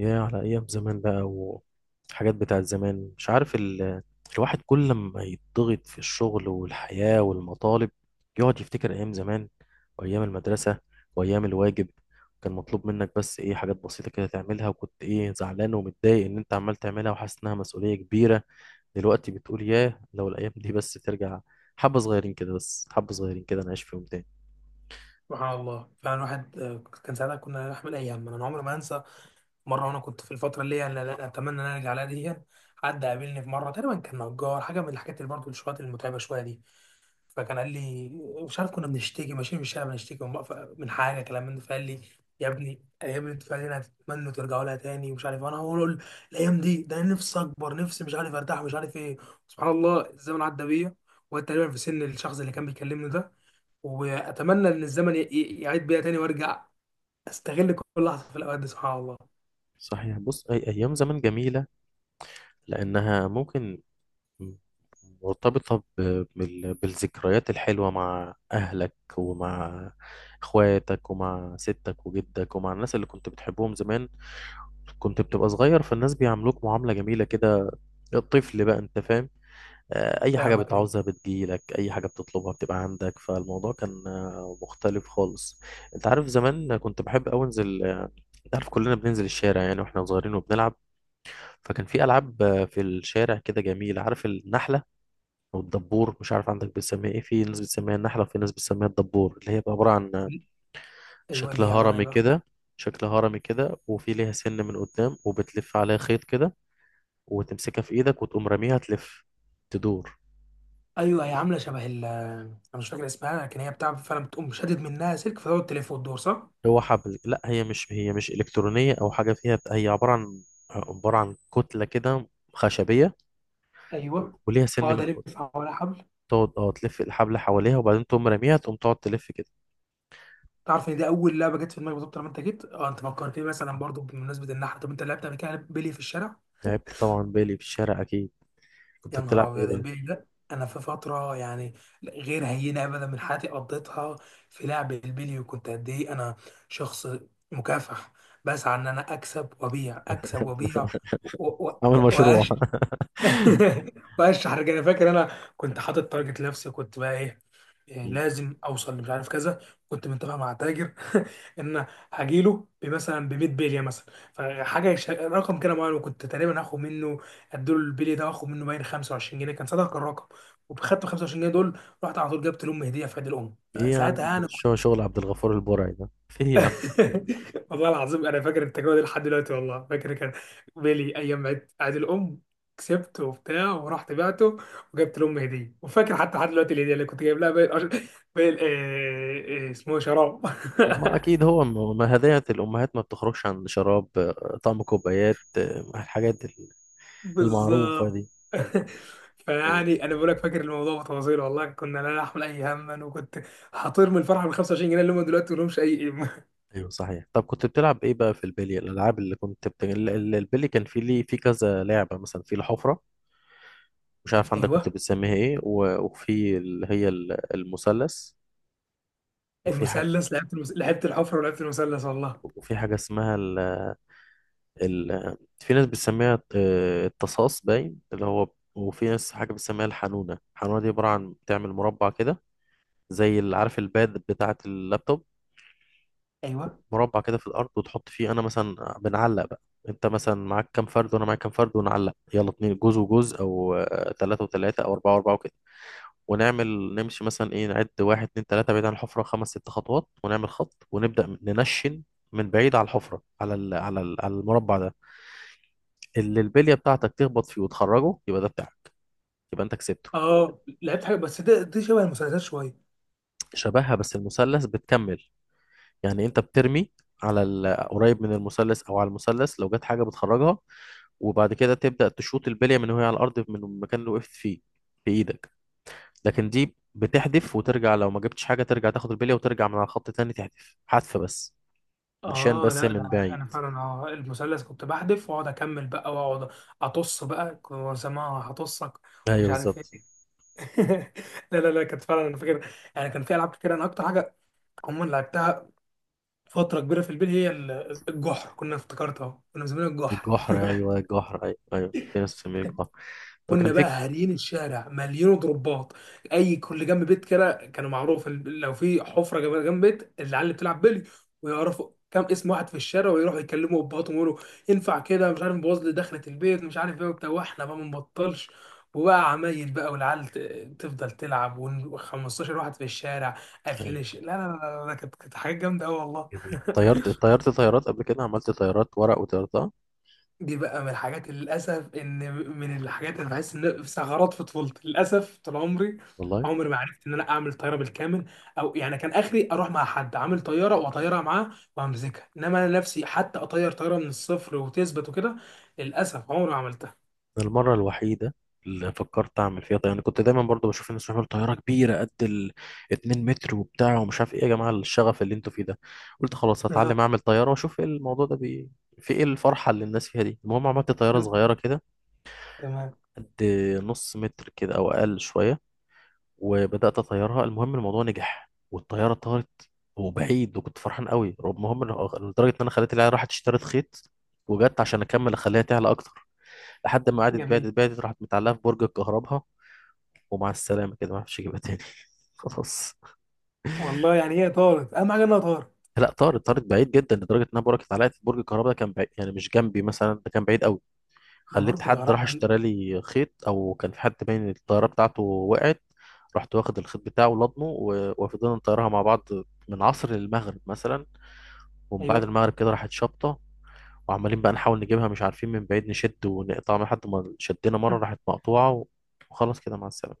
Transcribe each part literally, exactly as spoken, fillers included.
يا على أيام زمان بقى وحاجات بتاعت زمان مش عارف ال... الواحد كل ما يتضغط في الشغل والحياة والمطالب، يقعد يفتكر أيام زمان وأيام المدرسة وأيام الواجب. كان مطلوب منك بس إيه حاجات بسيطة كده تعملها، وكنت إيه زعلان ومتضايق إن أنت عمال تعملها وحاسس إنها مسؤولية كبيرة. دلوقتي بتقول ياه لو الأيام دي بس ترجع، حبة صغيرين كده، بس حبة صغيرين كده نعيش فيهم تاني. سبحان الله فعلا واحد آه، كان ساعتها كنا نحمل ايام. انا عمري ما انسى مره وانا كنت في الفتره اللي هي أنا لا- اتمنى ان انا ارجع لها دي. حد قابلني في مره، تقريبا كان نجار، حاجه من الحاجات اللي برضه الشغلات المتعبه شويه دي، فكان قال لي، مش عارف كنا بنشتكي ماشيين في الشارع بنشتكي من بقف- من حاجه كلام من ده، فقال لي يا ابني الايام اللي انتوا فعلا هتتمنوا ترجعوا لها تاني، ومش عارف انا هقول الايام دي، ده أنا نفسي اكبر نفسي مش عارف ارتاح ومش عارف ايه. سبحان الله الزمن عدى بيا وتقريبا في سن الشخص اللي كان بيكلمني ده، واتمنى ان الزمن ي- ي- يعيد بيا تاني وارجع استغل كل لحظه في الاوقات دي. سبحان الله. صحيح، بص أي أيام زمان جميلة لأنها ممكن مم. مرتبطة ب- بال- بالذكريات الحلوة مع أهلك ومع إخواتك ومع ستك وجدك ومع الناس اللي كنت بتحبهم زمان. كنت بتبقى صغير فالناس بيعاملوك معاملة جميلة كده، الطفل بقى، أنت فاهم؟ آه، أي حاجة فاهمك، ايوه. بتعوزها بتجيلك، أي حاجة بتطلبها بتبقى عندك، فالموضوع كان آه، مختلف خالص. أنت عارف زمان كنت بحب أوي أنزل، آه، أنت عارف كلنا بننزل الشارع يعني واحنا صغيرين وبنلعب. فكان في ألعاب آه، في الشارع كده جميلة، عارف النحلة او الدبور؟ مش عارف عندك بتسميها ايه، في ناس بتسميها النحله وفي ناس بتسميها الدبور، اللي هي بقى عباره عن ايوه شكل ليه يا عمران، ايه هرمي بقى؟ كده. شكل هرمي كده وفي ليها سن من قدام، وبتلف عليها خيط كده وتمسكها في ايدك وتقوم راميها تلف، تدور. ايوه أيوة، هي عامله شبه ال، انا مش فاكر اسمها، لكن هي بتاع فعلا بتقوم شادد منها سلك فتقعد تلف وتدور، صح؟ هو حبل. لا، هي مش هي مش الكترونيه او حاجه فيها، هي عباره عن عباره عن كتله كده خشبيه ايوه. وليها سن اقعد من قدام. الف حوالي حبل. تقعد اه تلف الحبل حواليها وبعدين تقوم راميها، تقوم تقعد تلف كده. تعرف ان دي اول لعبه جت في دماغي بالظبط لما انت جيت؟ اه انت فكرتني مثلا برضو بمناسبه النحله. طب انت لعبت قبل كده بيلي في الشارع؟ لعبت طبعا بالي في الشارع اكيد. كنت يا نهار بتلعب ايه ابيض، بقى؟ البيلي ده انا في فتره يعني غير هينه ابدا من حياتي قضيتها في لعب البيلي. وكنت قد ايه انا، شخص مكافح بسعى ان انا اكسب وابيع اكسب وابيع و- و- عامل و- مشروع وأش- واشحر كده. انا فاكر انا كنت حاطط تارجت لنفسي، كنت بقى ايه، إيه، مم. لازم اوصل لمش عارف كذا. كنت متفق مع تاجر، ان هجيله بمثلا ب ميه بليه مثلا، فحاجه يش- رقم كده معين، وكنت تقريبا هاخد منه، اديله البلي ده واخد منه باين خمسة وعشرين جنيه كان صدق الرقم. وخدت خمسة وعشرين جنيه دول رحت على طول جبت لام هديه في عيد الام ايه آه، يا عم، ساعتها يعني. مش هو شغل عبد الغفور البرعي ده، في ايه يا عم. والله العظيم انا فاكر التجربه دي لحد دلوقتي، والله فاكر كان بيلي ايام عيد، عيد الام، كسبته وبتاع، ورحت بعته وجبت لام هديه. وفاكر حتى لحد دلوقتي الهديه اللي كنت جايب لها، باقي القش- باقي ال- آه، آه، اسمه إيه، شراب. ما اكيد هو م- ما هدايا الامهات ما بتخرجش عن شراب، آه، طعم كوبايات، آه، الحاجات ال- المعروفه بالظبط. دي. أيوة، فيعني انا بقول لك فاكر الموضوع بتفاصيله، والله كنا لا نحمل اي هما، وكنت هطير من الفرحه بال خمسة وعشرين جنيه اللي هم دلوقتي ما لهمش اي قيمه. أيوة، صحيح. طب كنت بتلعب ايه بقى في البلي؟ الالعاب اللي كنت بت... ال- ال- البلي كان في ليه في كذا لعبه، مثلا في الحفره، مش عارف عندك كنت ايوه بتسميها ايه، و... وفي اللي هي ال- المثلث، وفي حاجه، المثلث، لعبت المس... لعبت الحفره ولعبت المثلث والله. وفي حاجه اسمها ال... في ناس بتسميها آه، التصاص باين، اللي هو، وفي ناس حاجة بتسميها الحنونة. الحنونة دي عبارة عن بتعمل مربع كده، زي اللي عارف الباد بتاعة اللابتوب، ايوه مربع كده في الأرض وتحط فيه. أنا مثلا بنعلق بقى، أنت مثلا معاك كام فرد وأنا معاك كام فرد، ونعلق يلا اتنين جوز وجوز أو آه، تلاتة وتلاتة أو أربعة وأربعة وكده. ونعمل نمشي مثلا إيه نعد واحد اتنين تلاتة، بعيد عن الحفرة خمس ست خطوات، ونعمل خط ونبدأ ننشن من بعيد على الحفرة، على ال... على ال... على المربع ده، اللي البليه بتاعتك تخبط فيه وتخرجه يبقى ده بتاعك، يبقى انت كسبته. اه، لعبت حاجه بس ده دي شبه المسلسلات شويه. شبهها، بس المثلث بتكمل، يعني انت بترمي على ال- قريب من المثلث او على المثلث، لو جت حاجه بتخرجها، وبعد كده تبدا تشوط البليه من وهي على الارض، من المكان اللي وقفت فيه بايدك. لكن دي بتحدف وترجع، لو ما جبتش حاجه ترجع تاخد البليه وترجع من على الخط تاني تحدف، حذف بس، نشان اه بس لا من لا، بعيد. انا فعلا اه المثلث كنت بحذف واقعد اكمل بقى واقعد اطص بقى، كنت بسمعها هطصك ايوه ومش عارف بالظبط. ايه. لا لا لا، كانت فعلا انا فاكر يعني كان في العاب كتير. انا اكتر حاجه عموما لعبتها فتره كبيره في البيت هي ال- الجحر، كنا افتكرتها كنا مسمينها الجحر. الجحر، ايوه الجحر، ايوه، ايوه في ناس بتسميه الجحر. فكان كنا في بقى هاريين الشارع مليانه ضربات. اي كل جنب بيت كده كانوا معروف ال- لو في حفره جنب جنب بيت العيال اللي بتلعب بلي، ويعرفوا كام اسم واحد في الشارع ويروحوا يكلموا ابهاتهم ويقولوا ينفع كده، مش عارف نبوظ لي دخلة البيت مش عارف ايه وبتاع، واحنا بقى ما نبطلش. وبقى عمايل بقى، والعيال ت- تفضل تلعب وخمسة عشر واحد في الشارع قافلين أيوة. الش... لا لا. لا لا لا، كانت كانت حاجات جامده قوي والله. جميل. طيرت، طيرت طيارات قبل كده؟ عملت طيارات ورق وطيرتها؟ دي بقى من الحاجات اللي للأسف، إن من الحاجات اللي بحس إن في ثغرات في طفولتي للأسف، طول عمري والله عمري ما عرفت إن أنا أعمل طيارة بالكامل. أو يعني كان آخري أروح مع حد عامل طيارة وأطيرها معاه وأمسكها، إنما أنا نفسي حتى أطير طيارة من الصفر وتثبت وكده. للأسف عمري ما عملتها. المرة الوحيدة اللي فكرت أعمل فيها طيارة، أنا كنت دايما برضو بشوف الناس بيعملوا طيارة كبيرة قد ال اتنين متر وبتاع ومش عارف إيه، يا جماعة الشغف اللي أنتوا فيه ده. قلت خلاص هتعلم آه، أعمل طيارة وأشوف إيه الموضوع ده بي... في إيه الفرحة اللي الناس فيها دي. المهم عملت طيارة صغيرة كده، تمام. قد نص متر كده أو أقل شوية، وبدات اطيرها. المهم الموضوع نجح والطياره طارت وبعيد، وكنت فرحان قوي. المهم إن- لدرجه ان انا خليت العيال راحت اشترت خيط وجت عشان اكمل اخليها تعلى اكتر، لحد ما قعدت جميل. بعدت بعدت راحت متعلقه في برج الكهرباء، ومع السلامه كده، ما عرفتش اجيبها تاني خلاص. والله يعني هي طارت، أهم حاجة إنها طارت. لا طارت، طارت بعيد جدا، لدرجه انها بركت علقت في برج الكهرباء، ده كان بعيد يعني مش جنبي مثلا، ده كان بعيد قوي. ده خليت برج حد الغرام. راح اشترى لي خيط، او كان في حد باين الطياره بتاعته وقعت، رحت واخد الخيط بتاعه ولضمه و- وفضلنا نطيرها مع بعض من عصر للمغرب مثلا. ومن بعد أيوه. المغرب كده راحت شابطه، وعمالين بقى نحاول نجيبها مش عارفين، من بعيد نشد ونقطع لحد ما شدينا مره راحت مقطوعه، وخلاص كده مع السلامه.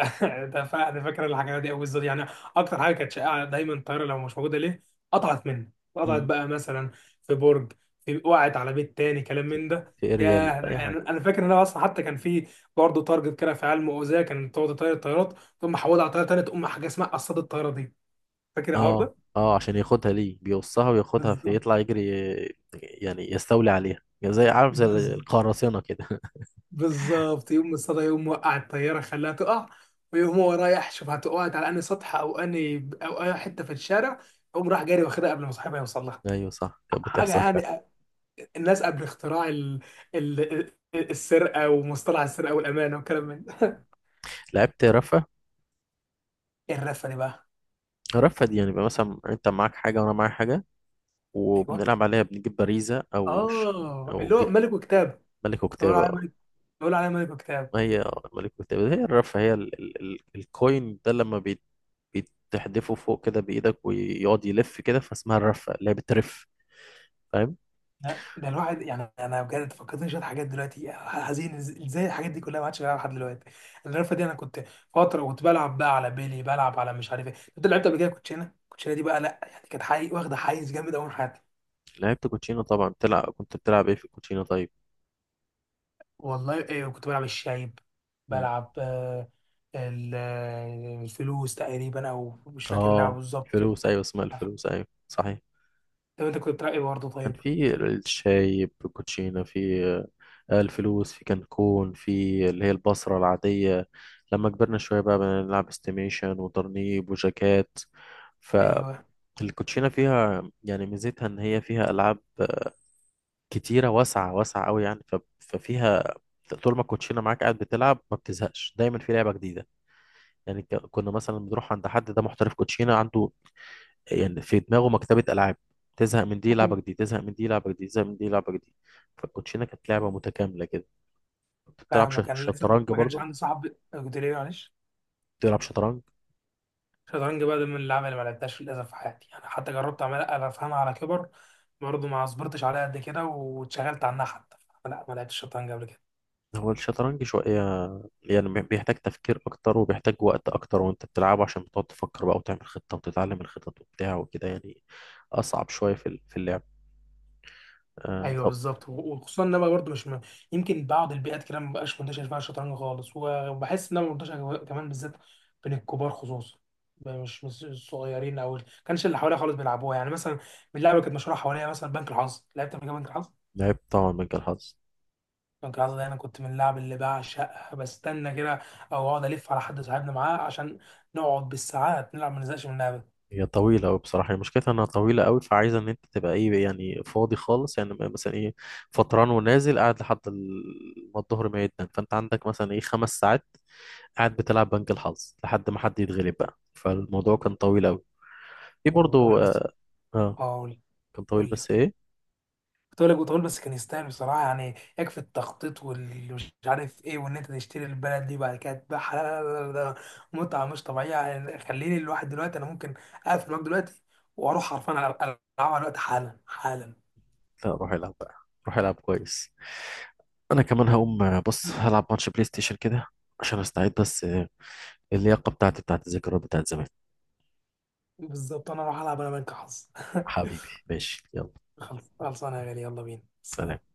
ده فا- ده فاكر الحاجات دي قوي بالظبط يعني. اكتر حاجه كانت شائعه دايما الطياره لو مش موجوده ليه، قطعت منه، قطعت مم. بقى مثلا في برج، في، وقعت على بيت تاني، كلام في من ده. في يا اريال اي يعني حاجه. انا فاكر ان انا اصلا حتى كان في برضه تارجت كده في علم اوزاع، كان تقعد تطير الطيارات تقوم محولها على طياره تانيه، تقوم حاجه اسمها قصاد الطياره دي، فاكر الحوار اه، ده؟ اه، عشان ياخدها، ليه؟ بيقصها وياخدها، في بالظبط. يطلع يجري، يعني يستولي عليها يعني، زي عارف زي بز- القراصنه كده. بالظبط يوم الصدى، يوم وقع الطياره خلاها تقع، ويقوم هو رايح شوف هتقعد على انهي سطح او انهي او اي حته في الشارع، يقوم راح جاري واخدها قبل ما صاحبها يوصل لها. ايوه صح، كانت حاجه بتحصل. يعني الناس قبل اختراع ال... ال... ال- السرقه ومصطلح السرقه والامانه والكلام من ده. لعبت رفا؟ إيه الرفه دي بقى؟ رفا دي يعني بقى مثلا انت معاك حاجة وانا معايا حاجة، ايوه وبنلعب عليها، بنجيب باريزة او ش... اه او اللي ج... هو ملك وكتاب. ملك كنت بقول عليه وكتابة. ملك، بقول عليه ملك وكتاب. ما هي ملك وكتابة هي الرفا، هي ال... ال... ال... الكوين ده لما بيت... بتحدفه فوق كده بإيدك ويقعد يلف كده، فاسمها الرفا، لعبة رف، فاهم؟ لا ده الواحد يعني انا بجد فكرتني شويه حاجات دلوقتي، حزين إز- ازاي الحاجات دي كلها ما عادش بلعبها لحد دلوقتي. الرفه دي انا كنت فتره كنت بلعب بقى على بيلي، بلعب على مش عارف ايه، كنت لعبت قبل كده كوتشينه، الكوتشينه دي بقى لا يعني كانت حقيقي واخده حيز جامد قوي من حياتي. لعبت كوتشينة طبعا، بتلعب، كنت بتلعب ايه في الكوتشينة طيب؟ والله إيه، كنت بلعب الشايب، مم. بلعب آه، ال- آه، الفلوس تقريبا، او مش فاكر اللعبه اه بالظبط. الفلوس، ايوه اسمها الفلوس، ايوه صحيح. طب انت كنت بتلعب ايه برضه كان طيب؟ في الشاي بالكوتشينا، في آه، الفلوس، في كانكون، في اللي هي البصرة العادية. لما كبرنا شوية بقى بنلعب استيميشن وطرنيب وجاكات. ايوه. فالكوتشينة فيها يعني ميزتها إن هي فيها ألعاب كتيرة واسعة، واسعة أوي يعني، ف- ففيها طول ما الكوتشينة معاك قاعد بتلعب ما بتزهقش، دايما في لعبة جديدة. يعني ك- كنا مثلا بنروح عند حد ده محترف كوتشينة، عنده يعني في دماغه مكتبة ألعاب، تزهق من دي لعبة جديدة، تزهق من دي لعبة جديدة، تزهق من دي لعبة جديدة. فالكوتشينة كانت لعبة متكاملة كده. كنت بتلعب ش- فاهمك. انا للاسف شطرنج ما كانش برضه؟ عندي صاحب، قلت ليه معلش. بتلعب شطرنج؟ الشطرنج بقى ده من اللعبه اللي ما لعبتهاش للاسف في حياتي، انا حتى جربت اعملها افهمها على كبر، برضه ما صبرتش عليها قد كده، واتشغلت عنها حتى. لا ما لعبتش الشطرنج قبل كده. هو الشطرنج شوية يعني، بي- بيحتاج تفكير أكتر وبيحتاج وقت أكتر، وأنت بتلعبه عشان بتقعد تفكر بقى وتعمل خطة وتتعلم الخطط وبتاع وكده يعني، أصعب شوية في ال- في اللعب. آه ايوه طب. بالظبط و- وخصوصا ان انا برضه مش م... يمكن بعض البيئات كده ما بقاش منتشر فيها الشطرنج خالص و- وبحس ان انا منتشر كمان بالذات بين الكبار خصوصا، مش مش الصغيرين او ال- كانش اللي حواليا خالص بيلعبوها. يعني مثلا من اللعبه اللي كانت مشهوره حواليا مثلا بنك الحظ، لعبت قبل كده بنك الحظ؟ لعبت طبعا مجال الحظ. بنك الحظ ده انا كنت من اللعب اللي بعشقها، بستنى كده او اقعد الف على حد صاحبنا معاه، عشان نقعد بالساعات نلعب ما نزهقش من اللعبه. هي طويلة أوي بصراحة، هي مشكلتها إنها طويلة أوي، فعايزة إن أنت تبقى إيه يعني فاضي خالص، يعني م- مثلا إيه فطران ونازل قاعد لحد ال- ما الظهر ما يدن، فأنت عندك مثلا إيه خمس ساعات قاعد بتلعب بنك الحظ لحد ما حد يتغلب بقى، فالموضوع كان طويل أوي. في برضو طويل بس، آه, آه، اه قول، كان طويل قول لي. بس إيه. كنت اقول لك بتقول بس كان يستاهل بصراحه، يعني يكفي التخطيط واللي مش عارف ايه وان انت تشتري البلد دي وبعد كده تبيعها. لا لا لا لا ده متعه مش طبيعيه، يعني خليني الواحد دلوقتي انا ممكن اقفل معاك دلوقتي واروح حرفيا ألع- العبها دلوقتي حالا حالا. لا روح العب بقى، روح العب كويس. أنا كمان هقوم، آه، بص هلعب ماتش بلاي ستيشن كده، عشان أستعيد بس، آه، اللياقة بتاعتي بتاعت الذكريات بتاعت زمان. بالظبط انا اروح العب انا بنك حظ. حبيبي ماشي يلا، خلص- خلصانه يا غالي، يلا بينا، سلام. سلام.